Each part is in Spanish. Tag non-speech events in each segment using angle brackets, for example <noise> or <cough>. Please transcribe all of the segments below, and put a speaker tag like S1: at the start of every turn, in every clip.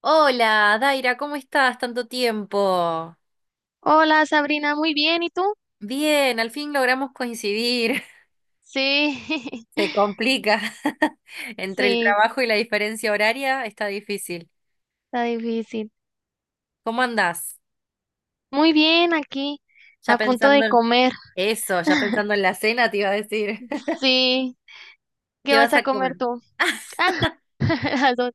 S1: Hola, Daira, ¿cómo estás? Tanto tiempo.
S2: Hola, Sabrina, muy bien, ¿y tú?
S1: Bien, al fin logramos coincidir.
S2: Sí,
S1: <laughs> Se complica. <laughs> Entre el
S2: <laughs> sí,
S1: trabajo y la diferencia horaria está difícil.
S2: está difícil.
S1: ¿Cómo andás?
S2: Muy bien, aquí,
S1: Ya
S2: a punto
S1: pensando
S2: de
S1: en
S2: comer.
S1: eso, ya
S2: <laughs>
S1: pensando en la cena, te iba a decir. <laughs>
S2: Sí, ¿qué
S1: ¿Qué
S2: vas
S1: vas
S2: a
S1: a
S2: comer
S1: comer?
S2: tú?
S1: <laughs>
S2: Ah, <laughs> las dos.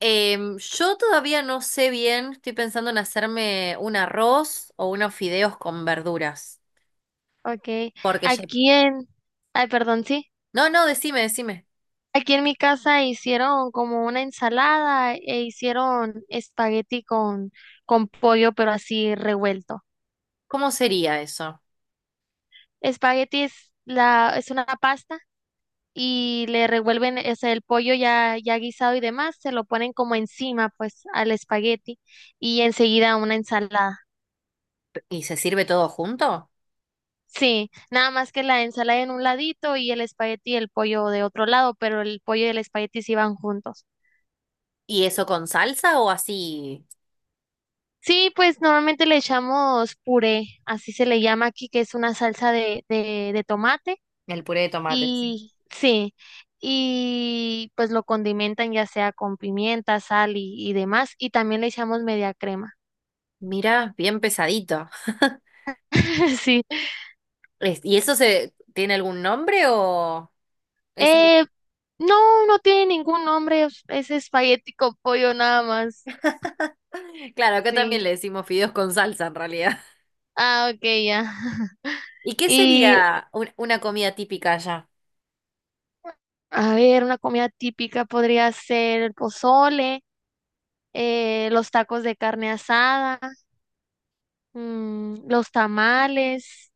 S1: Yo todavía no sé bien, estoy pensando en hacerme un arroz o unos fideos con verduras.
S2: Ok,
S1: Porque ya...
S2: aquí en, ay, perdón, sí.
S1: No, no, decime, decime.
S2: Aquí en mi casa hicieron como una ensalada e hicieron espagueti con pollo, pero así revuelto.
S1: ¿Cómo sería eso?
S2: Espagueti es una pasta. Y le revuelven el pollo ya guisado y demás, se lo ponen como encima, pues, al espagueti y enseguida una ensalada.
S1: ¿Y se sirve todo junto?
S2: Sí, nada más que la ensalada en un ladito y el espagueti y el pollo de otro lado, pero el pollo y el espagueti sí van juntos.
S1: ¿Y eso con salsa o así?
S2: Sí, pues normalmente le echamos puré, así se le llama aquí, que es una salsa de tomate
S1: El puré de tomate, sí.
S2: y sí, y pues lo condimentan ya sea con pimienta, sal y demás, y también le echamos media crema.
S1: Mira, bien pesadito. <laughs>
S2: <laughs> Sí.
S1: ¿Y eso se tiene algún nombre o es...
S2: Eh, no, no tiene ningún nombre. Es espagueti con pollo nada más.
S1: <laughs> Claro, acá también
S2: Sí.
S1: le decimos fideos con salsa en realidad.
S2: Ah, ok, ya.
S1: <laughs>
S2: <laughs>
S1: ¿Y qué
S2: Y
S1: sería una comida típica allá?
S2: a ver, una comida típica podría ser el pozole, los tacos de carne asada, los tamales,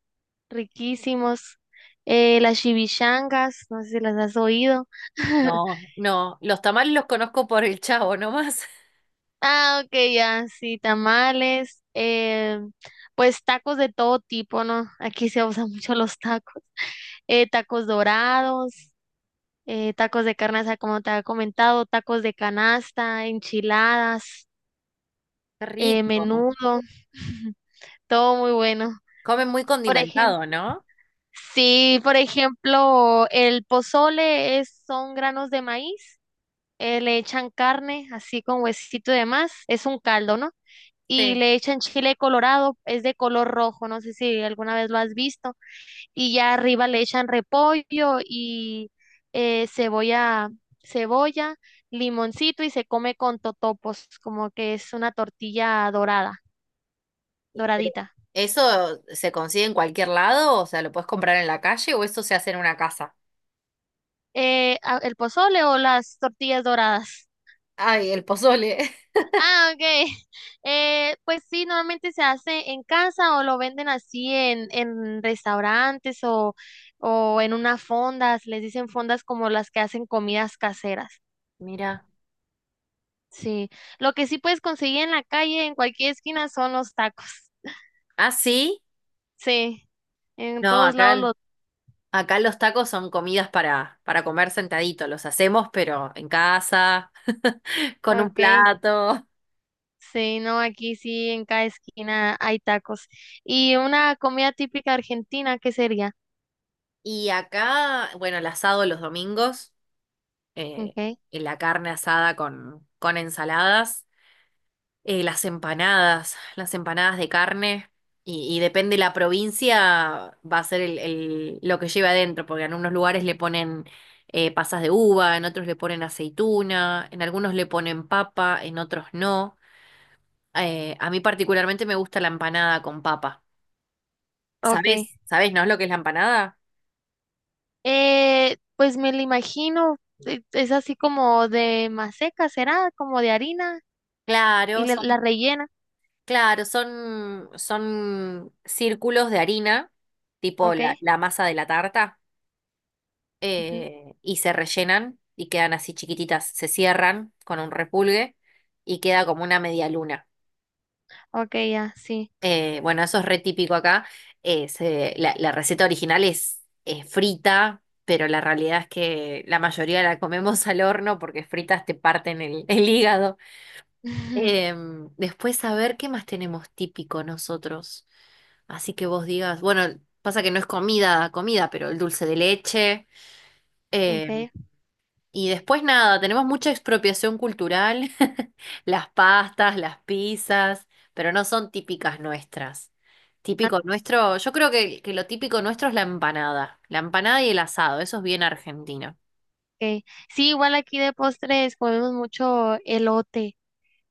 S2: riquísimos, las chivichangas no sé si las has oído. <laughs>
S1: No, no, los tamales los conozco por el Chavo nomás. <laughs>
S2: Ah, ok, ya, sí, tamales, pues tacos de todo tipo, ¿no? Aquí se usan mucho los tacos. Tacos dorados, tacos de carne asada, como te había comentado, tacos de canasta, enchiladas,
S1: Qué rico.
S2: menudo, <laughs> todo muy bueno.
S1: Comen muy
S2: Por
S1: condimentado,
S2: ejemplo,
S1: ¿no?
S2: sí, por ejemplo, el pozole son granos de maíz, le echan carne, así con huesito y demás, es un caldo, ¿no? Y
S1: Sí.
S2: le echan chile colorado, es de color rojo, no sé si alguna vez lo has visto, y ya arriba le echan repollo y cebolla, cebolla, limoncito y se come con totopos, como que es una tortilla dorada,
S1: Sí, pero
S2: doradita.
S1: ¿eso se consigue en cualquier lado? O sea, ¿lo puedes comprar en la calle o eso se hace en una casa?
S2: El pozole o las tortillas doradas.
S1: Ay, el pozole. <laughs>
S2: Ah, ok. <laughs> Pues sí, normalmente se hace en casa o lo venden así en restaurantes o en unas fondas, les dicen fondas como las que hacen comidas caseras.
S1: Mira.
S2: Sí, lo que sí puedes conseguir en la calle, en cualquier esquina, son los tacos.
S1: Ah, sí.
S2: Sí, en
S1: No,
S2: todos
S1: acá,
S2: lados los...
S1: acá los tacos son comidas para comer sentadito. Los hacemos, pero en casa, <laughs> con un
S2: Ok,
S1: plato.
S2: sí, no, aquí sí, en cada esquina hay tacos. Y una comida típica argentina, ¿qué sería?
S1: Y acá, bueno, el asado los domingos, eh,
S2: Ok,
S1: y la carne asada con ensaladas. Las empanadas de carne, y depende la provincia, va a ser lo que lleve adentro, porque en unos lugares le ponen pasas de uva, en otros le ponen aceituna, en algunos le ponen papa, en otros no. A mí particularmente me gusta la empanada con papa.
S2: ok.
S1: ¿Sabés? ¿Sabés, no es lo que es la empanada?
S2: Pues me lo imagino, es así como de maseca, ¿será? Como de harina y
S1: Claro, son,
S2: la rellena,
S1: claro, son, son círculos de harina, tipo
S2: ¿ok?
S1: la, la masa de la tarta.
S2: Ujú.
S1: Y se rellenan y quedan así chiquititas, se cierran con un repulgue y queda como una media luna.
S2: Ok, ya, sí.
S1: Bueno, eso es re típico acá. La, la receta original es, frita, pero la realidad es que la mayoría la comemos <laughs> al horno porque fritas te parten el hígado.
S2: <laughs>
S1: Después, a ver, ¿qué más tenemos típico nosotros? Así que vos digas, bueno, pasa que no es comida, comida, pero el dulce de leche. em,
S2: Ok.
S1: Y después nada, tenemos mucha expropiación cultural, <laughs> las pastas, las pizzas, pero no son típicas nuestras.
S2: Ah,
S1: Típico nuestro, yo creo que lo típico nuestro es la empanada y el asado, eso es bien argentino.
S2: okay. Sí, igual aquí de postres comemos mucho elote.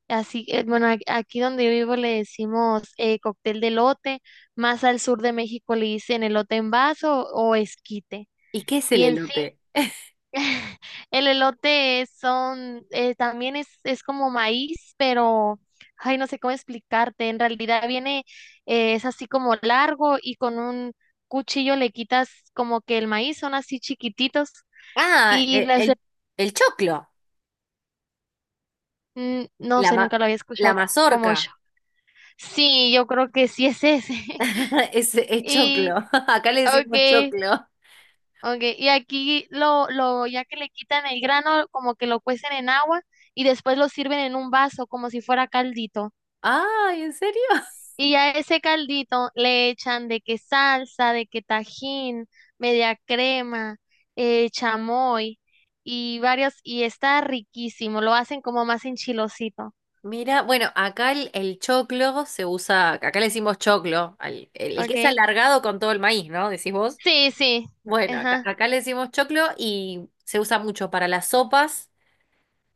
S2: Así, bueno, aquí donde yo vivo le decimos cóctel de elote, más al sur de México le dicen elote en vaso o esquite.
S1: ¿Y qué es el
S2: Y en
S1: elote? <laughs>
S2: <laughs> El elote son, también es como maíz, pero, ay, no sé cómo explicarte. En realidad viene, es así como largo y con un cuchillo le quitas como que el maíz, son así chiquititos
S1: Ah,
S2: y
S1: el choclo,
S2: no
S1: la,
S2: sé, nunca lo había
S1: la
S2: escuchado como
S1: mazorca,
S2: yo. Sí, yo creo que sí es ese.
S1: <laughs>
S2: <laughs>
S1: es
S2: Y,
S1: choclo, <laughs> acá le decimos
S2: okay,
S1: choclo.
S2: okay. Y aquí ya que le quitan el grano, como que lo cuecen en agua y después lo sirven en un vaso como si fuera caldito.
S1: <laughs> Ay, ¿en serio?
S2: Y a ese caldito le echan de que salsa, de que tajín, media crema, chamoy y varios, y está riquísimo, lo hacen como más enchilosito,
S1: Mira, bueno, acá el choclo se usa, acá le decimos choclo, el que es
S2: ¿ok?
S1: alargado con todo el maíz, ¿no? Decís vos.
S2: Sí, sí,
S1: Bueno, acá,
S2: ajá,
S1: acá le decimos choclo y se usa mucho para las sopas,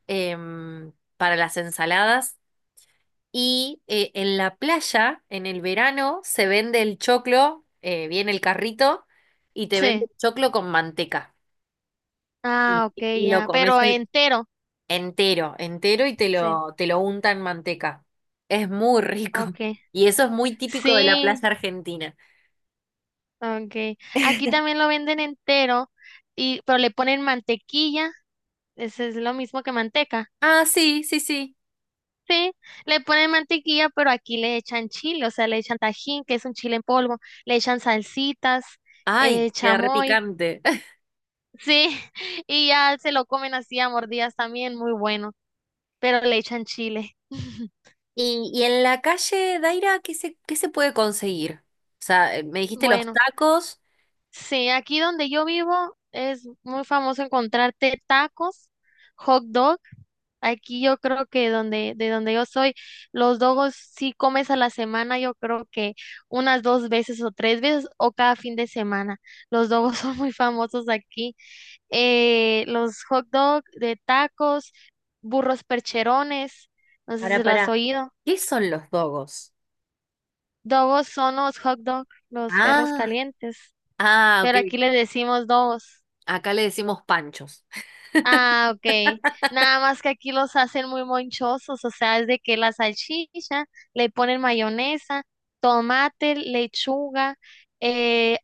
S1: em, para las ensaladas y en la playa, en el verano, se vende el choclo, viene el carrito y te vende
S2: sí.
S1: el choclo con manteca
S2: Ah,
S1: y,
S2: ok,
S1: y lo
S2: ya,
S1: comes.
S2: pero entero,
S1: Entero, entero y
S2: sí,
S1: te lo unta en manteca. Es muy rico.
S2: ok.
S1: <laughs> Y eso es muy típico de la
S2: Sí,
S1: plaza argentina.
S2: ok. Aquí también lo venden entero, pero le ponen mantequilla, ese es lo mismo que manteca.
S1: Ah, sí, sí, sí.
S2: Sí, le ponen mantequilla, pero aquí le echan chile, o sea, le echan tajín, que es un chile en polvo, le echan salsitas,
S1: Ay, queda
S2: chamoy,
S1: repicante. <laughs>
S2: sí, <laughs> y ya se lo comen así a mordidas también, muy bueno, pero le echan chile. <laughs>
S1: Y, y en la calle, Daira, qué se puede conseguir? O sea, me dijiste los
S2: Bueno,
S1: tacos.
S2: sí, aquí donde yo vivo es muy famoso encontrarte tacos, hot dogs. Aquí yo creo que de donde yo soy, los dogos sí comes a la semana, yo creo que unas dos veces o tres veces o cada fin de semana. Los dogos <laughs> son muy famosos aquí. Los hot dog de tacos, burros percherones, no sé
S1: Pará,
S2: si lo has
S1: pará.
S2: oído.
S1: ¿Qué son los dogos?
S2: Dogos son los hot dog, los perros
S1: Ah,
S2: calientes,
S1: ah, ok.
S2: pero aquí les decimos dogos.
S1: Acá le decimos panchos. <laughs>
S2: Ah, ok. Nada más que aquí los hacen muy monchosos, o sea, es de que la salchicha, le ponen mayonesa, tomate, lechuga, eh,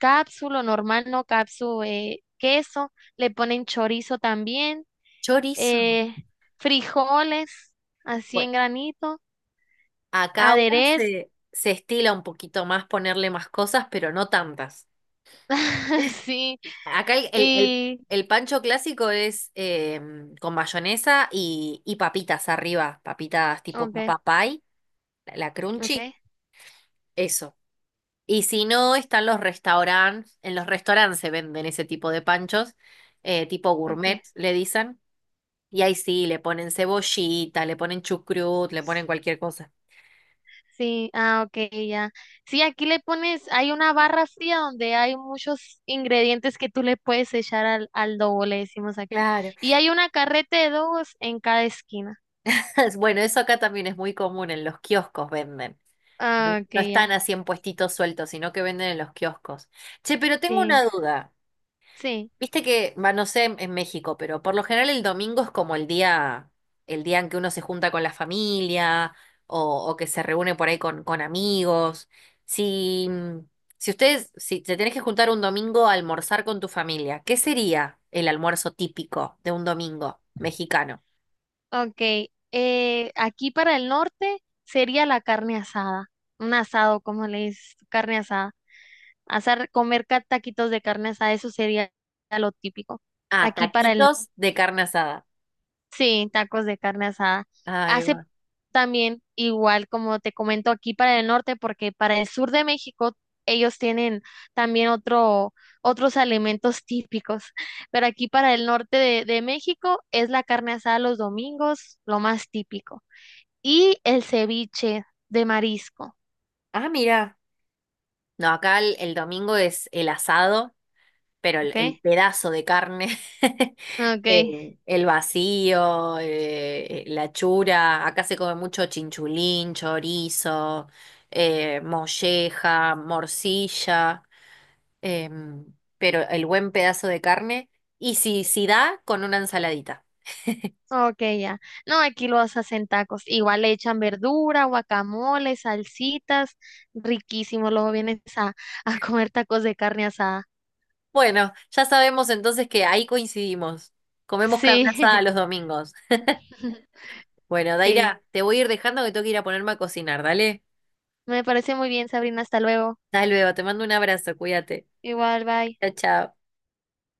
S2: cápsulo normal, no cápsulo, queso, le ponen chorizo también,
S1: Chorizo.
S2: eh, frijoles, así
S1: Bueno,
S2: en granito,
S1: acá ahora
S2: aderezo,
S1: se, se estila un poquito más ponerle más cosas, pero no tantas.
S2: <laughs> sí,
S1: Acá
S2: y,
S1: el pancho clásico es con mayonesa y papitas arriba, papitas tipo
S2: ok,
S1: papa pie, la
S2: ok,
S1: crunchy, eso. Y si no, están los restaurantes, en los restaurantes se venden ese tipo de panchos, tipo gourmet,
S2: ok.
S1: le dicen. Y ahí sí, le ponen cebollita, le ponen chucrut, le ponen cualquier cosa.
S2: Sí, ah, ok, ya. Sí, aquí le pones, hay una barra fría donde hay muchos ingredientes que tú le puedes echar al dogo, le decimos aquí.
S1: Claro.
S2: Y hay una carreta de dogos en cada esquina.
S1: <laughs> Bueno, eso acá también es muy común, en los kioscos venden. Bueno,
S2: Ah, ok,
S1: no están
S2: ya.
S1: así en puestitos sueltos, sino que venden en los kioscos. Che, pero tengo
S2: Sí,
S1: una duda.
S2: sí,
S1: Viste que, va, no sé en México, pero por lo general el domingo es como el día en que uno se junta con la familia o que se reúne por ahí con amigos. Si, si ustedes, si te tenés que juntar un domingo a almorzar con tu familia, ¿qué sería el almuerzo típico de un domingo mexicano?
S2: ok. Aquí para el norte sería la carne asada, un asado, como le dices, tú, carne asada. Asar, comer taquitos de carne asada, eso sería lo típico.
S1: Ah,
S2: Aquí para el norte.
S1: taquitos de carne asada.
S2: Sí, tacos de carne asada.
S1: Ahí
S2: Hace
S1: va.
S2: también igual como te comento aquí para el norte, porque para el sur de México ellos tienen también otros alimentos <laughs> típicos, pero aquí para el norte de México es la carne asada los domingos, lo más típico. Y el ceviche de marisco,
S1: Ah, mira. No, acá el domingo es el asado, pero
S2: ¿ok?
S1: el pedazo de carne, <laughs>
S2: Ok.
S1: el vacío, la chura. Acá se come mucho chinchulín, chorizo, molleja, morcilla, em, pero el buen pedazo de carne. Y si, si da, con una ensaladita.
S2: Ok, ya. No, aquí los hacen tacos. Igual le echan verdura, guacamole, salsitas. Riquísimo. Luego vienes a, <laughs> a comer tacos de carne asada.
S1: Bueno, ya sabemos entonces que ahí coincidimos. Comemos carne asada
S2: Sí,
S1: los domingos.
S2: <laughs>
S1: Bueno,
S2: sí.
S1: Daira, te voy a ir dejando que tengo que ir a ponerme a cocinar, dale.
S2: Me parece muy bien, Sabrina. Hasta luego.
S1: Hasta luego, te mando un abrazo, cuídate.
S2: Igual, bye.
S1: Chao, chao.